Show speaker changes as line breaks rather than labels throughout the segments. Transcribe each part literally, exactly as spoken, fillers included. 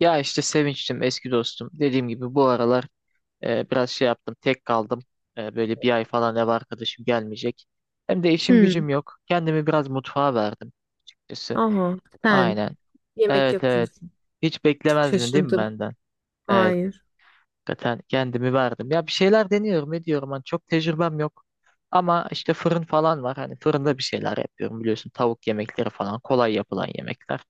Ya işte Sevinç'tim eski dostum. Dediğim gibi bu aralar e, biraz şey yaptım tek kaldım. E, böyle bir ay falan ev arkadaşım gelmeyecek. Hem de işim
Hmm.
gücüm yok. Kendimi biraz mutfağa verdim açıkçası.
Aha, sen
Aynen.
yemek
Evet evet.
yapıyorsun.
Hiç
Çok
beklemezdin değil mi
şaşırdım.
benden? Evet.
Hayır.
Hakikaten kendimi verdim. Ya bir şeyler deniyorum ediyorum. Hani çok tecrübem yok. Ama işte fırın falan var. Hani fırında bir şeyler yapıyorum biliyorsun. Tavuk yemekleri falan kolay yapılan yemekler.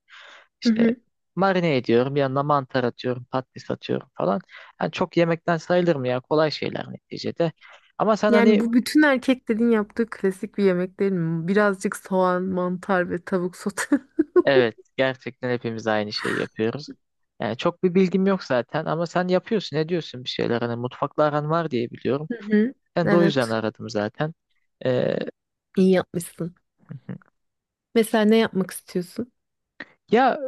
Hı
İşte
hı.
marine ediyorum. Yanına mantar atıyorum. Patates atıyorum falan. Yani çok yemekten sayılır mı ya? Kolay şeyler neticede. Ama sen
Yani
hani
bu bütün erkeklerin yaptığı klasik bir yemek değil mi? Birazcık soğan, mantar ve tavuk sote.
evet gerçekten hepimiz aynı şeyi yapıyoruz. Yani çok bir bilgim yok zaten ama sen yapıyorsun, ediyorsun bir şeyler. Hani mutfakla aran var diye biliyorum.
Hı hı.
Ben de o yüzden
Evet.
aradım zaten. Ee,
İyi yapmışsın. Mesela ne yapmak istiyorsun?
Ya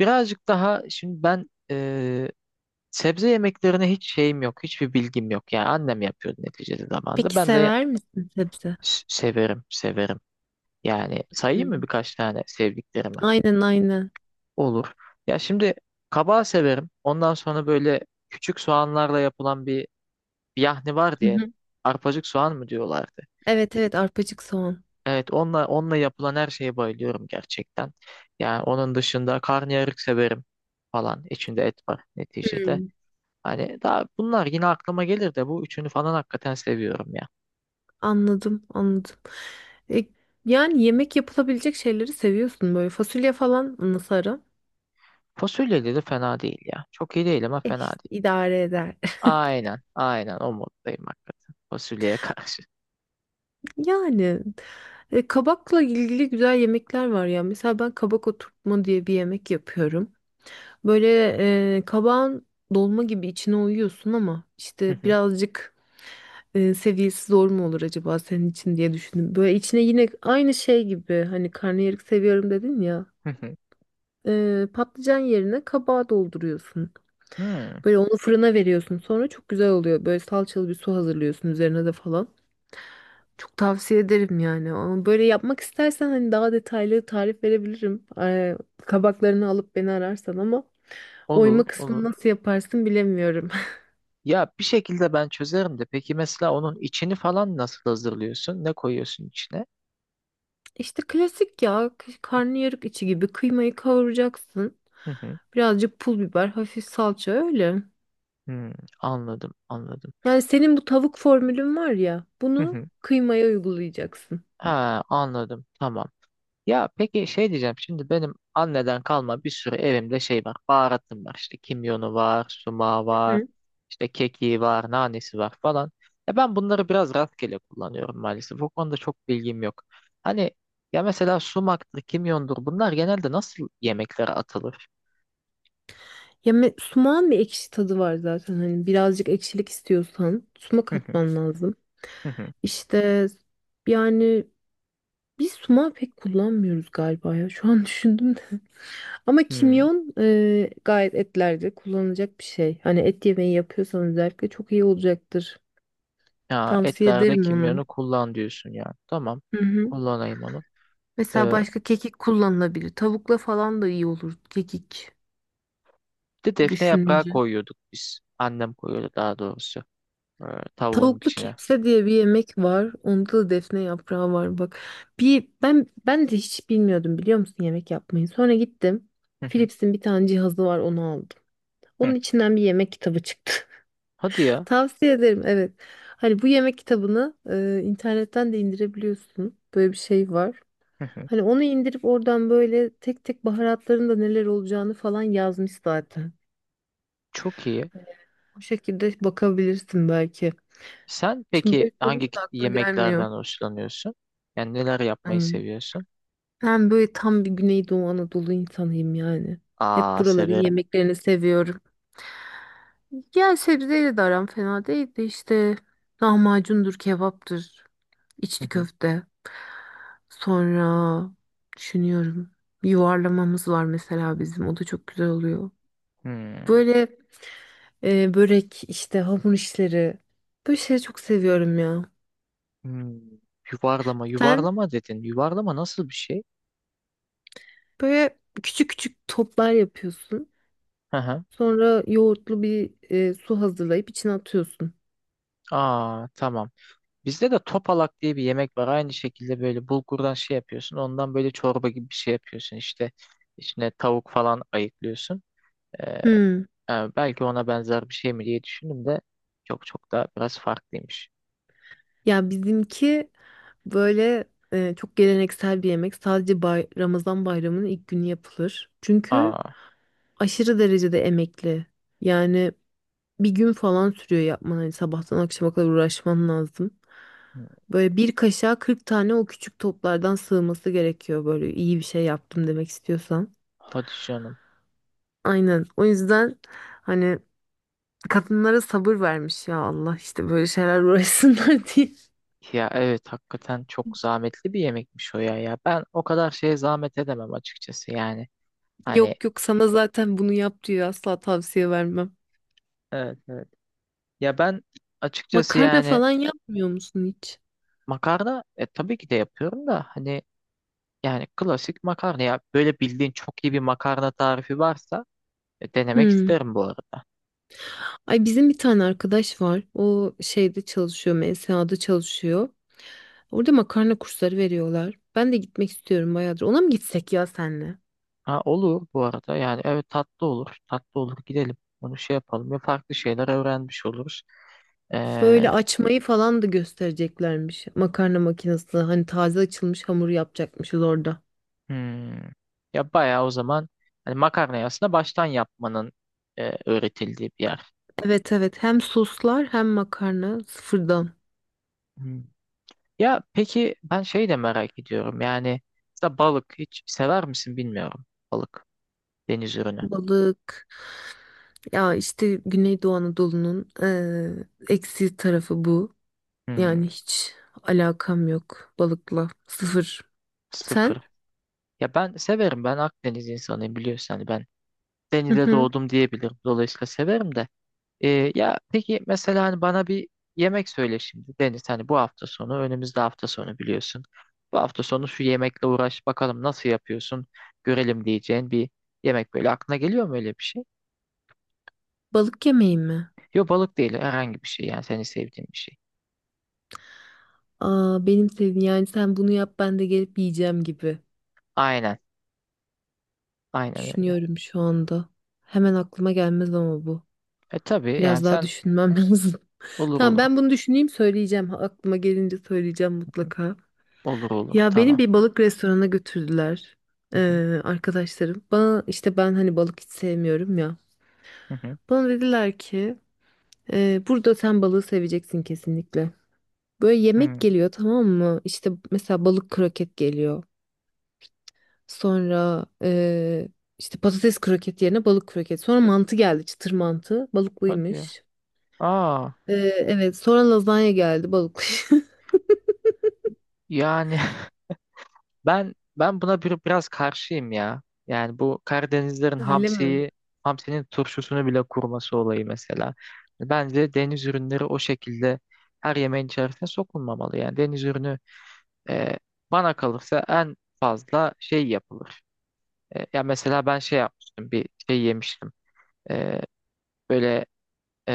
birazcık daha şimdi ben eee, sebze yemeklerine hiç şeyim yok. Hiçbir bilgim yok. Yani annem yapıyordu neticede zamanında.
Peki
Ben de
sever misin sebze?
s- severim, severim. Yani sayayım mı
Hmm.
birkaç tane sevdiklerimi?
Aynen aynen.
Olur. Ya şimdi kabağı severim. Ondan sonra böyle küçük soğanlarla yapılan bir bir yahni var
Hı
diye.
hı.
Arpacık soğan mı diyorlardı?
Evet evet, arpacık soğan.
Evet, onunla onunla yapılan her şeye bayılıyorum gerçekten. Yani onun dışında karnıyarık severim falan. İçinde et var neticede.
Hmm.
Hani daha bunlar yine aklıma gelir de bu üçünü falan hakikaten seviyorum ya.
Anladım anladım. E, yani yemek yapılabilecek şeyleri seviyorsun böyle. Fasulye falan nasıl ara?
Fasulyeli de fena değil ya. Çok iyi değil ama
E,
fena
işte
değil.
idare eder.
Aynen, aynen o moddayım hakikaten. Fasulyeye karşı.
Yani e, kabakla ilgili güzel yemekler var ya. Mesela ben kabak oturtma diye bir yemek yapıyorum. Böyle e, kabağın dolma gibi içine uyuyorsun ama
Hı
işte
hı,
birazcık e, seviyesi zor mu olur acaba senin için diye düşündüm. Böyle içine yine aynı şey gibi hani karnıyarık seviyorum dedin ya.
hı hı.
E, patlıcan yerine kabağı dolduruyorsun.
Hmm,
Böyle onu fırına veriyorsun. Sonra çok güzel oluyor. Böyle salçalı bir su hazırlıyorsun üzerine de falan. Çok tavsiye ederim yani. Ama böyle yapmak istersen hani daha detaylı tarif verebilirim. Ee, kabaklarını alıp beni ararsan ama
olur,
oyma kısmını
olur.
nasıl yaparsın bilemiyorum.
Ya bir şekilde ben çözerim de. Peki mesela onun içini falan nasıl hazırlıyorsun? Ne koyuyorsun içine?
İşte klasik ya k- karnıyarık içi gibi kıymayı kavuracaksın.
Hı hı.
Birazcık pul biber, hafif salça öyle.
Hmm, anladım, anladım.
Yani senin bu tavuk formülün var ya
Hı
bunu
hı.
kıymaya uygulayacaksın.
Ha, anladım. Tamam. Ya peki şey diyeceğim şimdi benim anneden kalma bir sürü evimde şey var baharatım var işte kimyonu var sumağı
Hı
var
hı.
işte kekiği var nanesi var falan. Ya ben bunları biraz rastgele kullanıyorum maalesef o konuda çok bilgim yok. Hani ya mesela sumaktır kimyondur bunlar genelde nasıl yemeklere atılır?
Ya me- sumağın bir ekşi tadı var zaten, hani birazcık ekşilik istiyorsan sumak
Hı hı,
atman lazım.
hı hı,
İşte yani Biz sumağı pek kullanmıyoruz galiba ya. Şu an düşündüm de. Ama
hmm.
kimyon e, gayet etlerde kullanılacak bir şey. Hani et yemeği yapıyorsan özellikle çok iyi olacaktır.
Ya
Tavsiye
etlerde
ederim
kimyonu
onu.
kullan diyorsun ya tamam
Hı hı.
kullanayım onu.
Mesela
Ee,
başka kekik kullanılabilir. Tavukla falan da iyi olur kekik
Bir de defne yaprağı
düşününce.
koyuyorduk biz annem koyuyordu daha doğrusu e, tavuğun
Tavuklu
içine.
kepse diye bir yemek var. Onda da defne yaprağı var bak. Bir ben ben de hiç bilmiyordum biliyor musun yemek yapmayı. Sonra gittim.
Hı hı.
Philips'in bir tane cihazı var, onu aldım.
Hı.
Onun içinden bir yemek kitabı çıktı.
Hadi ya.
Tavsiye ederim evet. Hani bu yemek kitabını e, internetten de indirebiliyorsun. Böyle bir şey var.
Hı hı.
Hani onu indirip oradan böyle tek tek baharatların da neler olacağını falan yazmış zaten.
Çok iyi.
Hani O şekilde bakabilirsin belki.
Sen
Şimdi
peki
böyle
hangi
sorunca
ki-
da aklına gelmiyor.
yemeklerden hoşlanıyorsun? Yani neler yapmayı
Aynen.
seviyorsun?
Ben böyle tam bir Güneydoğu Anadolu insanıyım yani. Hep
Aa
buraların
severim.
yemeklerini seviyorum. Yani sebzeyle de aram fena değil de işte lahmacundur, kebaptır,
Hı
içli
hı.
köfte. Sonra düşünüyorum, yuvarlamamız var mesela bizim, o da çok güzel oluyor.
Hmm.
Böyle e, börek, işte hamur işleri, böyle şeyleri çok seviyorum ya.
Hmm. Yuvarlama,
Sen
yuvarlama dedin. Yuvarlama nasıl bir şey?
böyle küçük küçük toplar yapıyorsun.
Hı hı.
Sonra yoğurtlu bir e, su hazırlayıp içine atıyorsun.
Aa tamam. Bizde de topalak diye bir yemek var. Aynı şekilde böyle bulgurdan şey yapıyorsun. Ondan böyle çorba gibi bir şey yapıyorsun. İşte içine tavuk falan ayıklıyorsun. Ee,
Hmm.
e, Belki ona benzer bir şey mi diye düşündüm de çok çok da biraz farklıymış.
Ya bizimki böyle e, çok geleneksel bir yemek. Sadece bay- Ramazan bayramının ilk günü yapılır. Çünkü
Aa,
aşırı derecede emekli. Yani bir gün falan sürüyor yapman. Hani sabahtan akşama kadar uğraşman lazım.
hı,
Böyle bir kaşığa kırk tane o küçük toplardan sığması gerekiyor, böyle iyi bir şey yaptım demek istiyorsan.
hadi canım.
Aynen. O yüzden hani kadınlara sabır vermiş ya Allah, işte böyle şeyler uğraşsınlar diye.
Ya evet hakikaten çok zahmetli bir yemekmiş o ya ya. Ben o kadar şeye zahmet edemem açıkçası yani. Hani
Yok yok, sana zaten bunu yap diyor asla, tavsiye vermem.
evet evet. Ya ben açıkçası
Makarna
yani
falan yapmıyor musun hiç?
makarna e, tabii ki de yapıyorum da hani yani klasik makarna ya böyle bildiğin çok iyi bir makarna tarifi varsa e, denemek
Hmm.
isterim bu arada.
Ay, bizim bir tane arkadaş var. O şeyde çalışıyor, M S A'da çalışıyor. Orada makarna kursları veriyorlar. Ben de gitmek istiyorum bayağıdır. Ona mı gitsek ya senle?
Ha olur bu arada yani evet tatlı olur tatlı olur gidelim onu şey yapalım ya farklı şeyler öğrenmiş oluruz.
Böyle
Ee,
açmayı falan da göstereceklermiş. Makarna makinesi. Hani taze açılmış hamur yapacakmışız orada.
Hmm. Ya bayağı o zaman hani makarnayı aslında baştan yapmanın e, öğretildiği bir yer.
Evet evet. Hem soslar hem makarna sıfırdan.
Hmm. Ya peki ben şey de merak ediyorum. Yani mesela balık hiç sever misin bilmiyorum. Balık, deniz ürünü.
Balık. Ya işte Güneydoğu Anadolu'nun eee eksi tarafı bu.
Hmm,
Yani hiç alakam yok balıkla. Sıfır.
sıfır.
Sen?
Ya ben severim. Ben Akdeniz insanıyım biliyorsun. Hani ben
Hı
denize
hı.
doğdum diyebilirim. Dolayısıyla severim de. Ee, ya peki mesela hani bana bir yemek söyle şimdi Deniz hani bu hafta sonu önümüzde hafta sonu biliyorsun. Bu hafta sonu şu yemekle uğraş bakalım nasıl yapıyorsun görelim diyeceğin bir yemek böyle aklına geliyor mu öyle bir şey?
Balık yemeği mi?
Yok balık değil herhangi bir şey yani seni sevdiğin bir şey.
Aa, benim sevdiğim yani, sen bunu yap ben de gelip yiyeceğim gibi.
Aynen aynen öyle.
Düşünüyorum şu anda. Hemen aklıma gelmez ama bu.
E tabii yani
Biraz daha
sen
düşünmem lazım.
olur
Tamam,
olur
ben bunu düşüneyim söyleyeceğim. Aklıma gelince söyleyeceğim mutlaka.
olur olur
Ya beni
tamam.
bir balık restoranına götürdüler
Hı hı,
eee, arkadaşlarım. Bana işte, ben hani balık hiç sevmiyorum ya.
hı hı,
Bana dediler ki eee, burada sen balığı seveceksin kesinlikle. Böyle yemek
hı.
geliyor tamam mı? İşte mesela balık kroket geliyor. Sonra eee, işte patates kroket yerine balık kroket. Sonra mantı geldi, çıtır mantı
Hadi ya.
balıklıymış.
Aa
Eee, evet, sonra lazanya geldi balıklı.
yani Ben ben buna bir, biraz karşıyım ya. Yani bu Karadenizlerin
Öyle mi?
hamsiyi, hamsinin turşusunu bile kurması olayı mesela. Bence deniz ürünleri o şekilde her yemeğin içerisine sokulmamalı. Yani deniz ürünü e, bana kalırsa en fazla şey yapılır. E, ya mesela ben şey yapmıştım, bir şey yemiştim. E, Böyle e,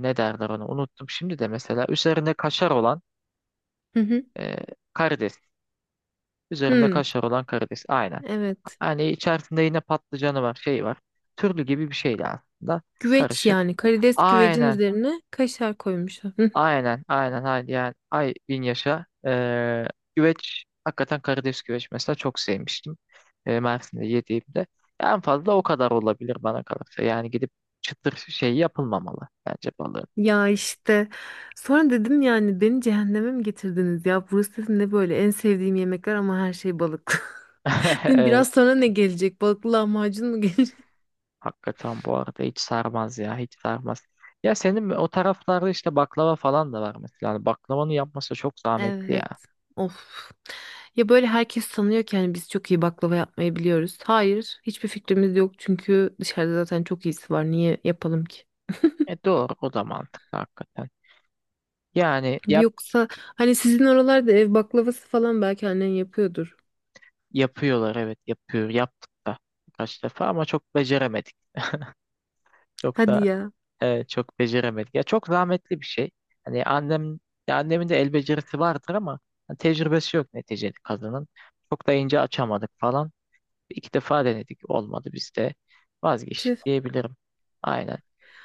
ne derler onu unuttum. Şimdi de mesela üzerinde kaşar olan
Hı hı.
e, karides. Üzerinde
Hmm,
kaşar olan karides. Aynen.
evet.
Hani içerisinde yine patlıcanı var, şey var. Türlü gibi bir şeydi aslında.
Güveç
Karışık.
yani, karides güvecin
Aynen,
üzerine kaşar koymuşlar. Hı hı.
aynen, aynen. Hadi yani ay bin yaşa. Ee, güveç, hakikaten karides güveç mesela çok sevmiştim. Ee, Mersin'de yediğimde. En fazla o kadar olabilir bana kalırsa. Yani gidip çıtır şey yapılmamalı bence balığın.
Ya işte sonra dedim, yani beni cehenneme mi getirdiniz ya? Burası dedim ne böyle, en sevdiğim yemekler ama her şey balık. Dedim,
Evet,
biraz sonra ne gelecek? Balıklı lahmacun mu gelecek?
hakikaten bu arada hiç sarmaz ya, hiç sarmaz. Ya senin o taraflarda işte baklava falan da var mesela. Hani baklavanın yapması çok zahmetli
Evet.
ya.
Of. Ya böyle herkes sanıyor ki hani biz çok iyi baklava yapmayı biliyoruz. Hayır, hiçbir fikrimiz yok çünkü dışarıda zaten çok iyisi var. Niye yapalım ki?
E doğru o da mantıklı hakikaten. Yani yap
Yoksa hani sizin oralarda ev baklavası falan belki annen yapıyordur.
yapıyorlar evet yapıyor yaptık da birkaç defa ama çok beceremedik. Çok
Hadi
da
ya.
e, çok beceremedik. Ya çok zahmetli bir şey. Hani annem ya annemin de el becerisi vardır ama hani tecrübesi yok neticede kadının. Çok da ince açamadık falan. İki defa denedik olmadı biz de
Tüh.
vazgeçtik diyebilirim. Aynen.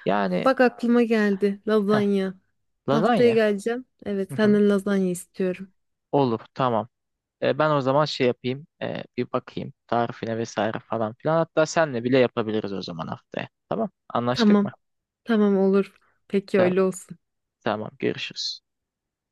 Yani
Bak aklıma geldi.
heh,
Lazanya. Haftaya
lazanya.
geleceğim. Evet,
Hı hı.
senden lazanya istiyorum.
Olur tamam. E, ben o zaman şey yapayım, e, bir bakayım tarifine vesaire falan filan. Hatta senle bile yapabiliriz o zaman haftaya. Tamam, anlaştık
Tamam.
mı?
Tamam olur. Peki öyle
Tamam,
olsun.
tamam, görüşürüz.